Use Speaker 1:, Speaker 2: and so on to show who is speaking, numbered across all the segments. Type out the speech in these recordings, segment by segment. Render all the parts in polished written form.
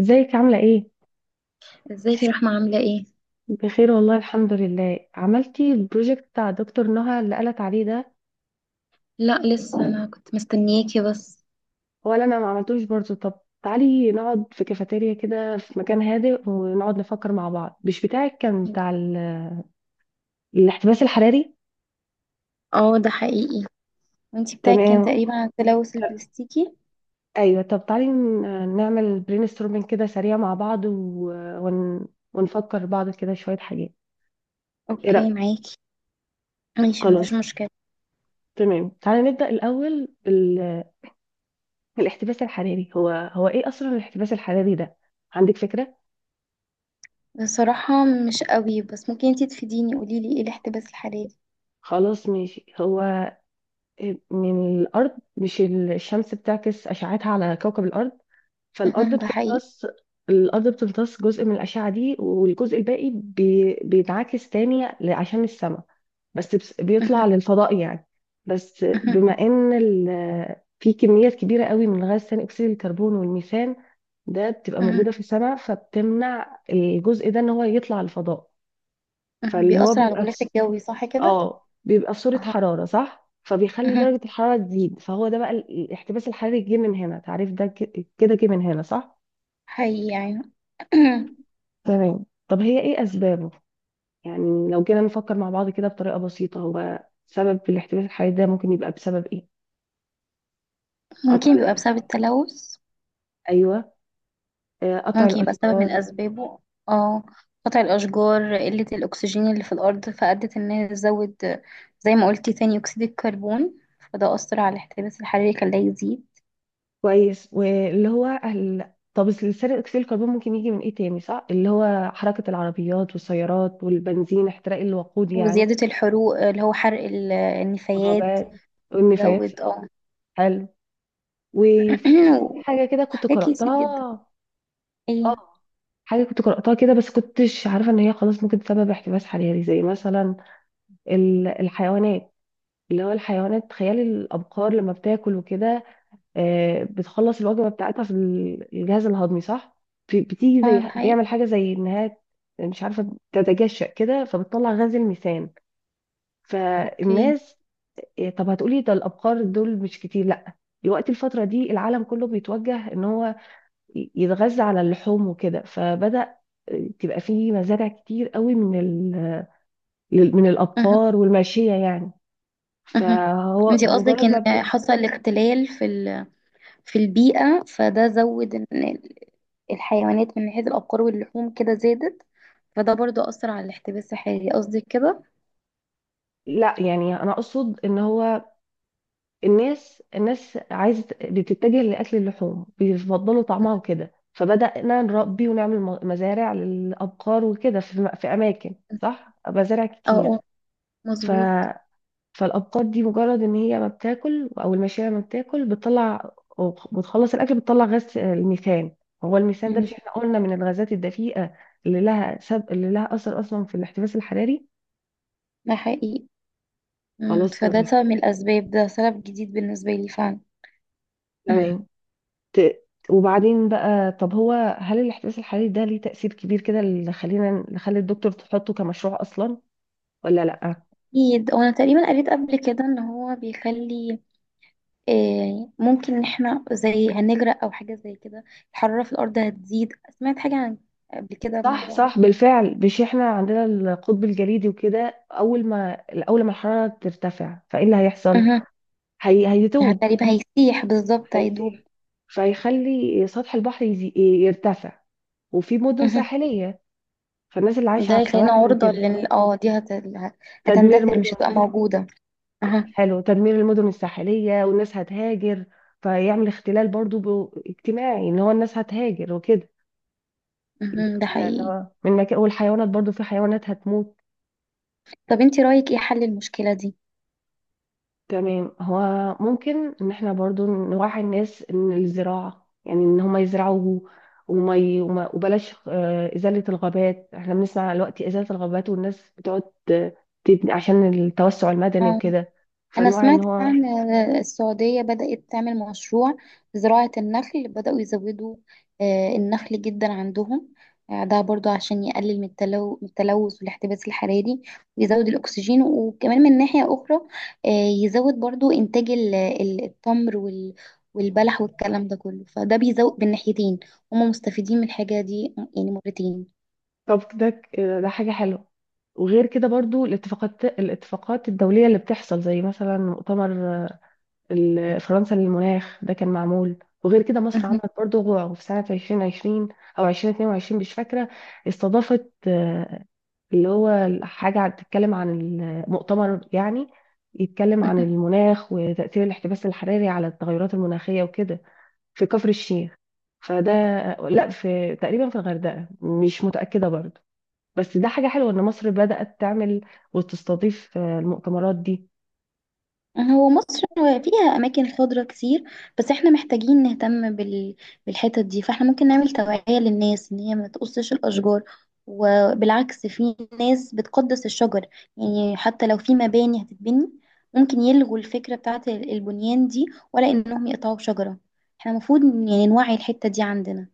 Speaker 1: ازيك عاملة ايه؟
Speaker 2: ازيك يا رحمة عاملة ايه؟
Speaker 1: بخير والله الحمد لله عملتي البروجكت بتاع دكتور نهى اللي قالت عليه ده.
Speaker 2: لا لسه انا كنت مستنياكي بس.
Speaker 1: هو اللي انا ما عملتوش برضه. طب تعالي نقعد في كافيتيريا كده في مكان هادئ ونقعد نفكر مع بعض. مش بتاعك كان بتاع الاحتباس الحراري؟
Speaker 2: اه، ده حقيقي. وانتي بتاعك كان
Speaker 1: تمام،
Speaker 2: تقريبا على التلوث البلاستيكي.
Speaker 1: ايوه. طب تعالي نعمل برين ستورمنج كده سريع مع بعض، ون... ونفكر بعض كده شوية حاجات. ايه
Speaker 2: اوكي
Speaker 1: رأيك؟
Speaker 2: معاكي. ماشي، مفيش
Speaker 1: خلاص،
Speaker 2: مشكلة.
Speaker 1: تمام، تعالي نبدأ الأول. الاحتباس الحراري هو هو ايه اصلا الاحتباس الحراري ده؟ عندك فكرة؟
Speaker 2: بصراحة مش قوي، بس ممكن انتي تفيديني قوليلي ايه الاحتباس الحراري؟
Speaker 1: خلاص ماشي. هو من الارض، مش الشمس بتعكس اشعتها على كوكب الارض، فالارض
Speaker 2: اها، ده حقيقي.
Speaker 1: بتمتص. الارض بتمتص جزء من الاشعة دي، والجزء الباقي بينعكس تاني عشان السماء، بس
Speaker 2: اها،
Speaker 1: بيطلع للفضاء يعني. بس
Speaker 2: اها،
Speaker 1: بما ان في كميات كبيرة قوي من غاز ثاني أكسيد الكربون والميثان، ده بتبقى
Speaker 2: اها،
Speaker 1: موجودة في السماء فبتمنع الجزء ده إن هو يطلع الفضاء.
Speaker 2: اها
Speaker 1: فاللي هو
Speaker 2: بيأثر على
Speaker 1: بيبقى في
Speaker 2: الغلاف الجوي، صح كده؟
Speaker 1: اه، بيبقى في صورة
Speaker 2: اها،
Speaker 1: حرارة صح، فبيخلي
Speaker 2: اها،
Speaker 1: درجة الحرارة تزيد. فهو ده بقى الاحتباس الحراري، جه من هنا تعريف ده، كده جه من هنا صح.
Speaker 2: حقيقي يعني.
Speaker 1: تمام، طب هي ايه اسبابه؟ يعني لو جينا نفكر مع بعض كده بطريقة بسيطة، هو سبب الاحتباس الحراري ده ممكن يبقى بسبب ايه؟ قطع
Speaker 2: ممكن بيبقى بسبب
Speaker 1: الأ-
Speaker 2: التلوث.
Speaker 1: ايوه، قطع
Speaker 2: ممكن يبقى سبب من
Speaker 1: الاشجار.
Speaker 2: أسبابه. اه، قطع الأشجار، قلة الأكسجين اللي في الأرض فأدت إنها تزود، زي ما قلتي ثاني أكسيد الكربون. فده أثر على الاحتباس الحراري خلاه يزيد.
Speaker 1: كويس، واللي هو طب ثاني اكسيد الكربون ممكن يجي من ايه تاني؟ صح، اللي هو حركة العربيات والسيارات والبنزين، احتراق الوقود يعني.
Speaker 2: وزيادة الحروق اللي هو حرق
Speaker 1: ما هو
Speaker 2: النفايات.
Speaker 1: بقى والنفايات.
Speaker 2: يزود، اه.
Speaker 1: حلو، وفي في حاجة كده كنت
Speaker 2: وحاجات كتير
Speaker 1: قرأتها.
Speaker 2: جدا.
Speaker 1: اه،
Speaker 2: ايه.
Speaker 1: حاجة كنت قرأتها كده بس كنتش عارفة ان هي خلاص ممكن تسبب احتباس حراري، زي مثلا الحيوانات. اللي هو الحيوانات، تخيل الأبقار لما بتاكل وكده، بتخلص الوجبة بتاعتها في الجهاز الهضمي صح؟ بتيجي
Speaker 2: اه،
Speaker 1: زي،
Speaker 2: ده حقيقي.
Speaker 1: بيعمل حاجة زي انها مش عارفة تتجشأ كده، فبتطلع غاز الميثان.
Speaker 2: اوكي.
Speaker 1: فالناس، طب هتقولي ده الابقار دول مش كتير، لا، دلوقتي الفتره دي العالم كله بيتوجه ان هو يتغذى على اللحوم وكده، فبدا تبقى فيه مزارع كتير قوي من من
Speaker 2: مهم.
Speaker 1: الابقار والماشيه يعني.
Speaker 2: مهم.
Speaker 1: فهو
Speaker 2: انتي قصدك
Speaker 1: مجرد ما
Speaker 2: ان حصل اختلال في البيئة فده زود ان الحيوانات من حيث الأبقار واللحوم كده زادت، فده برضو أثر على الاحتباس الحراري قصدك كده.
Speaker 1: لا يعني انا اقصد ان هو الناس عايزه بتتجه لاكل اللحوم، بيفضلوا طعمها وكده، فبدانا نربي ونعمل مزارع للابقار وكده في، في اماكن، صح، مزارع
Speaker 2: اه،
Speaker 1: كتير.
Speaker 2: اه، مظبوط.
Speaker 1: فالابقار دي مجرد ان هي ما بتاكل او الماشيه ما بتاكل، بتطلع وبتخلص الاكل بتطلع غاز الميثان. هو الميثان ده مش
Speaker 2: جميل.
Speaker 1: احنا قلنا من الغازات الدفيئه اللي لها اللي لها اثر اصلا في الاحتباس الحراري.
Speaker 2: ده حقيقي. مم.
Speaker 1: خلاص،
Speaker 2: فده
Speaker 1: تمام.
Speaker 2: سبب من الأسباب، ده سبب جديد بالنسبة لي فعلا.
Speaker 1: تمام، ت... وبعدين بقى، طب هو هل الاحتباس الحراري ده ليه تأثير كبير كده، اللي خلينا اللي خلي الدكتور تحطه كمشروع اصلا ولا لا؟
Speaker 2: أكيد، وأنا تقريبا قريت قبل كده إن هو بيخلي، ممكن إن احنا زي هنغرق أو حاجة زي كده، الحرارة في الأرض هتزيد. سمعت حاجة عن قبل كده
Speaker 1: صح
Speaker 2: الموضوع ده.
Speaker 1: صح، بالفعل. مش احنا عندنا القطب الجليدي وكده، اول ما اول ما الحراره ترتفع فايه اللي هيحصل؟
Speaker 2: مه.
Speaker 1: هي هيدوب،
Speaker 2: تقريبا هيسيح، بالظبط
Speaker 1: هيسيح،
Speaker 2: هيدوب.
Speaker 1: فيخلي سطح البحر يرتفع، وفي مدن ساحلية، فالناس اللي عايشة
Speaker 2: ده
Speaker 1: على
Speaker 2: يخلينا
Speaker 1: السواحل
Speaker 2: عرضة
Speaker 1: وكده،
Speaker 2: لل دي
Speaker 1: تدمير
Speaker 2: هتندثر، مش
Speaker 1: مدن.
Speaker 2: هتبقى موجودة. اها.
Speaker 1: حلو، تدمير المدن الساحلية، والناس هتهاجر، فيعمل اختلال برضو اجتماعي ان هو الناس هتهاجر وكده.
Speaker 2: مهم. ده
Speaker 1: ده اللي
Speaker 2: حقيقي.
Speaker 1: هو من مكان، والحيوانات برضو في حيوانات هتموت.
Speaker 2: طب انتي رأيك ايه حل المشكلة دي؟
Speaker 1: تمام. هو ممكن ان احنا برضو نوعي الناس ان الزراعة، يعني ان هم يزرعوا، وبلاش إزالة الغابات. احنا بنسمع دلوقتي إزالة الغابات، والناس بتقعد آه، تبني عشان التوسع المدني
Speaker 2: آه.
Speaker 1: وكده،
Speaker 2: أنا
Speaker 1: فنوعي ان
Speaker 2: سمعت
Speaker 1: هو
Speaker 2: عن السعودية بدأت تعمل مشروع زراعة النخل، بدأوا يزودوا النخل جدا عندهم. ده برضو عشان يقلل من التلوث والاحتباس الحراري، ويزود الأكسجين. وكمان من ناحية أخرى آه، يزود برضو إنتاج التمر والبلح والكلام ده كله، فده بيزود بالناحيتين. هم مستفيدين من الحاجة دي يعني مرتين.
Speaker 1: طب ده ده حاجة حلوة. وغير كده برضو الاتفاقات، الاتفاقات الدولية اللي بتحصل، زي مثلا مؤتمر فرنسا للمناخ ده كان معمول. وغير كده مصر عملت برضه غوع في سنة 2020 أو 2022، مش فاكرة، استضافت اللي هو حاجة بتتكلم عن المؤتمر يعني، يتكلم عن المناخ وتأثير الاحتباس الحراري على التغيرات المناخية وكده، في كفر الشيخ. فده، لا، في تقريبا في الغردقة مش متأكدة برضه. بس ده حاجة حلوة إن مصر بدأت تعمل وتستضيف المؤتمرات دي.
Speaker 2: هو مصر فيها أماكن خضرة كتير، بس احنا محتاجين نهتم بالحتت دي. فاحنا ممكن نعمل توعية للناس إن هي ما تقصش الأشجار، وبالعكس في ناس بتقدس الشجر. يعني حتى لو في مباني هتتبني، ممكن يلغوا الفكرة بتاعت البنيان دي، ولا إنهم يقطعوا شجرة. احنا المفروض يعني نوعي الحتة دي عندنا.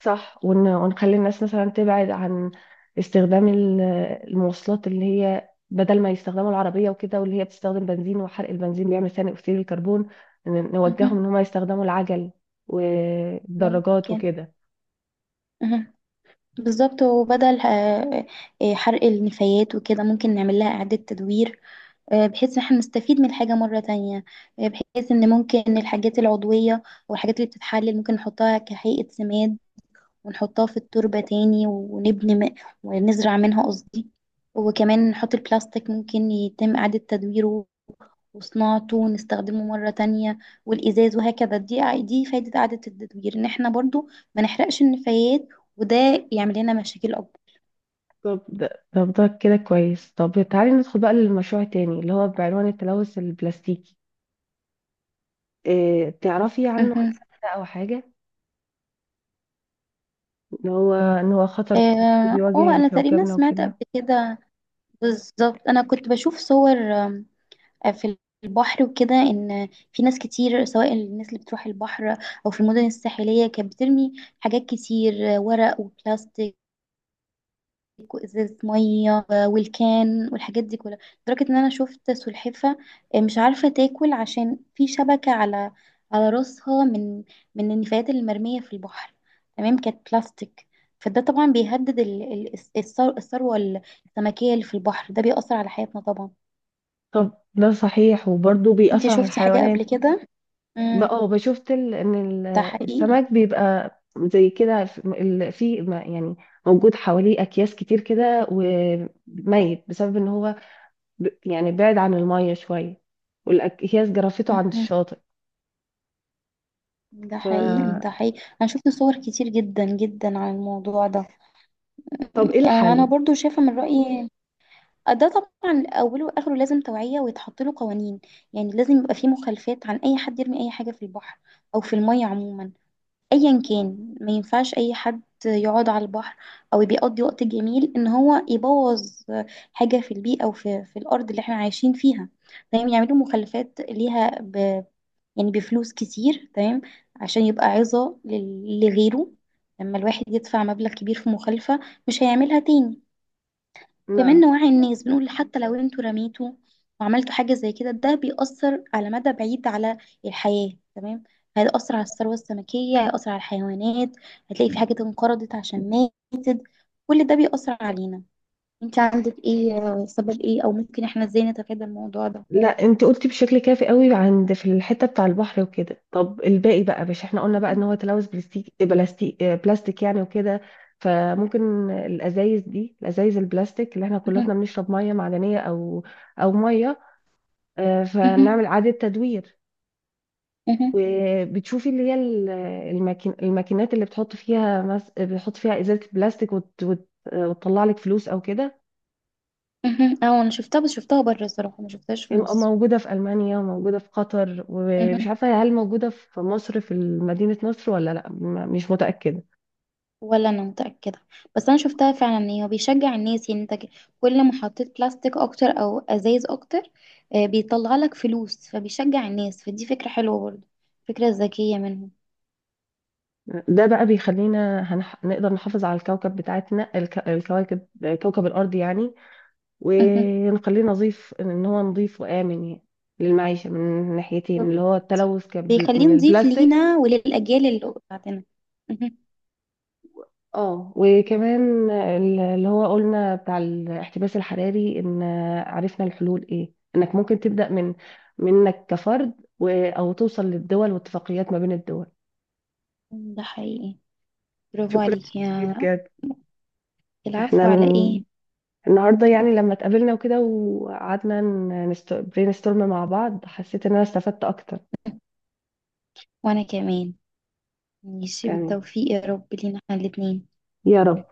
Speaker 1: صح، ونخلي الناس مثلا تبعد عن استخدام المواصلات، اللي هي بدل ما يستخدموا العربية وكده، واللي هي بتستخدم بنزين، وحرق البنزين بيعمل ثاني أكسيد الكربون. نوجههم
Speaker 2: مهم.
Speaker 1: إن هم يستخدموا العجل والدراجات
Speaker 2: ممكن.
Speaker 1: وكده.
Speaker 2: مهم. بالظبط. وبدل حرق النفايات وكده ممكن نعمل لها إعادة تدوير، بحيث ان احنا نستفيد من الحاجة مرة تانية. بحيث ان ممكن الحاجات العضوية والحاجات اللي بتتحلل ممكن نحطها كهيئة سماد، ونحطها في التربة تاني ونزرع منها قصدي. وكمان نحط البلاستيك ممكن يتم إعادة تدويره وصناعته ونستخدمه مرة تانية، والإزاز وهكذا. دي فايدة إعادة التدوير، إن احنا برضو ما نحرقش النفايات، وده يعمل لنا مشاكل أكبر.
Speaker 1: طب ده طب ده كده كويس. طب تعالي ندخل بقى للمشروع التاني، اللي هو بعنوان التلوث البلاستيكي. إيه تعرفي عنه أي
Speaker 2: مهم.
Speaker 1: حاجة؟ أو حاجة إن هو إن هو خطر كبير
Speaker 2: اه.
Speaker 1: بيواجه
Speaker 2: أنا تقريبا
Speaker 1: كوكبنا
Speaker 2: سمعت قبل
Speaker 1: وكده.
Speaker 2: كده. بالظبط انا كنت بشوف صور في البحر وكده، ان في ناس كتير سواء الناس اللي بتروح البحر او في المدن الساحليه كانت بترمي حاجات كتير، ورق وبلاستيك وازازه ميه، والكان والحاجات دي كلها. لدرجه ان انا شفت سلحفه مش عارفه تاكل عشان في شبكه على على راسها من من النفايات المرميه في البحر، تمام كانت بلاستيك. فده طبعا بيهدد الثروه السمكيه اللي في البحر. ده بيأثر على حياتنا طبعا.
Speaker 1: طب ده صحيح، وبرضه
Speaker 2: انتي
Speaker 1: بيأثر على
Speaker 2: شفتي حاجة قبل
Speaker 1: الحيوانات.
Speaker 2: كده؟ امم.
Speaker 1: اه، بشوفت ان
Speaker 2: ده حقيقي.
Speaker 1: السمك بيبقى زي كده في في يعني موجود حواليه اكياس كتير كده، وميت بسبب ان هو يعني بعد عن المية شوية، والاكياس جرفته عند
Speaker 2: مهم.
Speaker 1: الشاطئ.
Speaker 2: ده
Speaker 1: ف
Speaker 2: حقيقي، ده حقيقي، انا شفت صور كتير جدا جدا عن الموضوع ده.
Speaker 1: طب ايه
Speaker 2: انا
Speaker 1: الحل؟
Speaker 2: برضو شايفة من رأيي. ده طبعا اوله واخره لازم توعية ويتحط له قوانين. يعني لازم يبقى فيه مخالفات عن اي حد يرمي اي حاجة في البحر، او في المية عموما. ايا كان ما ينفعش اي حد يقعد على البحر او بيقضي وقت جميل ان هو يبوظ حاجه في البيئه او في الارض اللي احنا عايشين فيها. تمام، يعملوا مخلفات ليها يعني بفلوس كتير، تمام، عشان يبقى عظه لغيره. لما الواحد يدفع مبلغ كبير في مخالفه مش هيعملها تاني. كمان
Speaker 1: نعم.
Speaker 2: نوعي الناس، بنقول حتى لو انتوا رميتوا وعملتوا حاجة زي كده، ده بيأثر على مدى بعيد على الحياة، تمام. هيأثر على الثروة السمكية، هيأثر على الحيوانات. هتلاقي في حاجات انقرضت عشان ماتت، كل ده بيأثر علينا. انت عندك ايه سبب ايه، او ممكن احنا ازاي نتفادى الموضوع ده؟
Speaker 1: لا، انت قلتي بشكل كافي قوي عند في الحته بتاع البحر وكده. طب الباقي بقى، مش احنا قلنا بقى ان هو تلوث بلاستيك، بلاستيك بلاستيك يعني وكده، فممكن الازايز دي، الازايز البلاستيك اللي احنا كلنا
Speaker 2: مهم.
Speaker 1: بنشرب ميه معدنيه او او ميه فنعمل
Speaker 2: مهم.
Speaker 1: اعاده تدوير.
Speaker 2: مهم.
Speaker 1: وبتشوفي اللي هي الماكين، الماكينات اللي بتحط فيها بتحط فيها ازازه بلاستيك وتطلع لك فلوس او كده.
Speaker 2: مهم. مهم. اه، انا شفتها، بس شفتها بره الصراحة، ما شفتهاش في مصر.
Speaker 1: موجودة في ألمانيا وموجودة في قطر، ومش عارفة هل موجودة في مصر في مدينة نصر ولا لأ، مش متأكدة.
Speaker 2: ولا انا متاكده، بس انا شفتها فعلا ان هي بيشجع الناس. يعني انت كل ما حطيت بلاستيك اكتر او ازايز اكتر بيطلع لك فلوس، فبيشجع الناس، فدي فكره حلوه برضو، فكره ذكيه منهم.
Speaker 1: ده بقى بيخلينا نقدر نحافظ على الكوكب بتاعتنا، الكواكب، كوكب الأرض يعني،
Speaker 2: مهم.
Speaker 1: ونخليه نظيف، إن هو نظيف وآمن يعني للمعيشة، من ناحيتين
Speaker 2: بالظبط.
Speaker 1: اللي هو التلوث
Speaker 2: بيخليه
Speaker 1: من
Speaker 2: نضيف
Speaker 1: البلاستيك.
Speaker 2: لينا وللاجيال اللي بعدنا. مهم.
Speaker 1: اه، وكمان اللي هو قلنا بتاع الاحتباس الحراري ان عرفنا الحلول ايه، انك ممكن تبدأ من منك كفرد او توصل للدول واتفاقيات ما بين الدول.
Speaker 2: ده حقيقي. برافو
Speaker 1: شكرا
Speaker 2: عليك
Speaker 1: كتير
Speaker 2: يا.
Speaker 1: بجد. احنا
Speaker 2: العفو على ايه.
Speaker 1: النهارده يعني لما اتقابلنا وكده وقعدنا برين ستورم مع بعض، حسيت ان انا استفدت اكتر
Speaker 2: وانا كمان. ماشي
Speaker 1: يعني.
Speaker 2: بالتوفيق يا رب لينا احنا الاتنين.
Speaker 1: يا رب.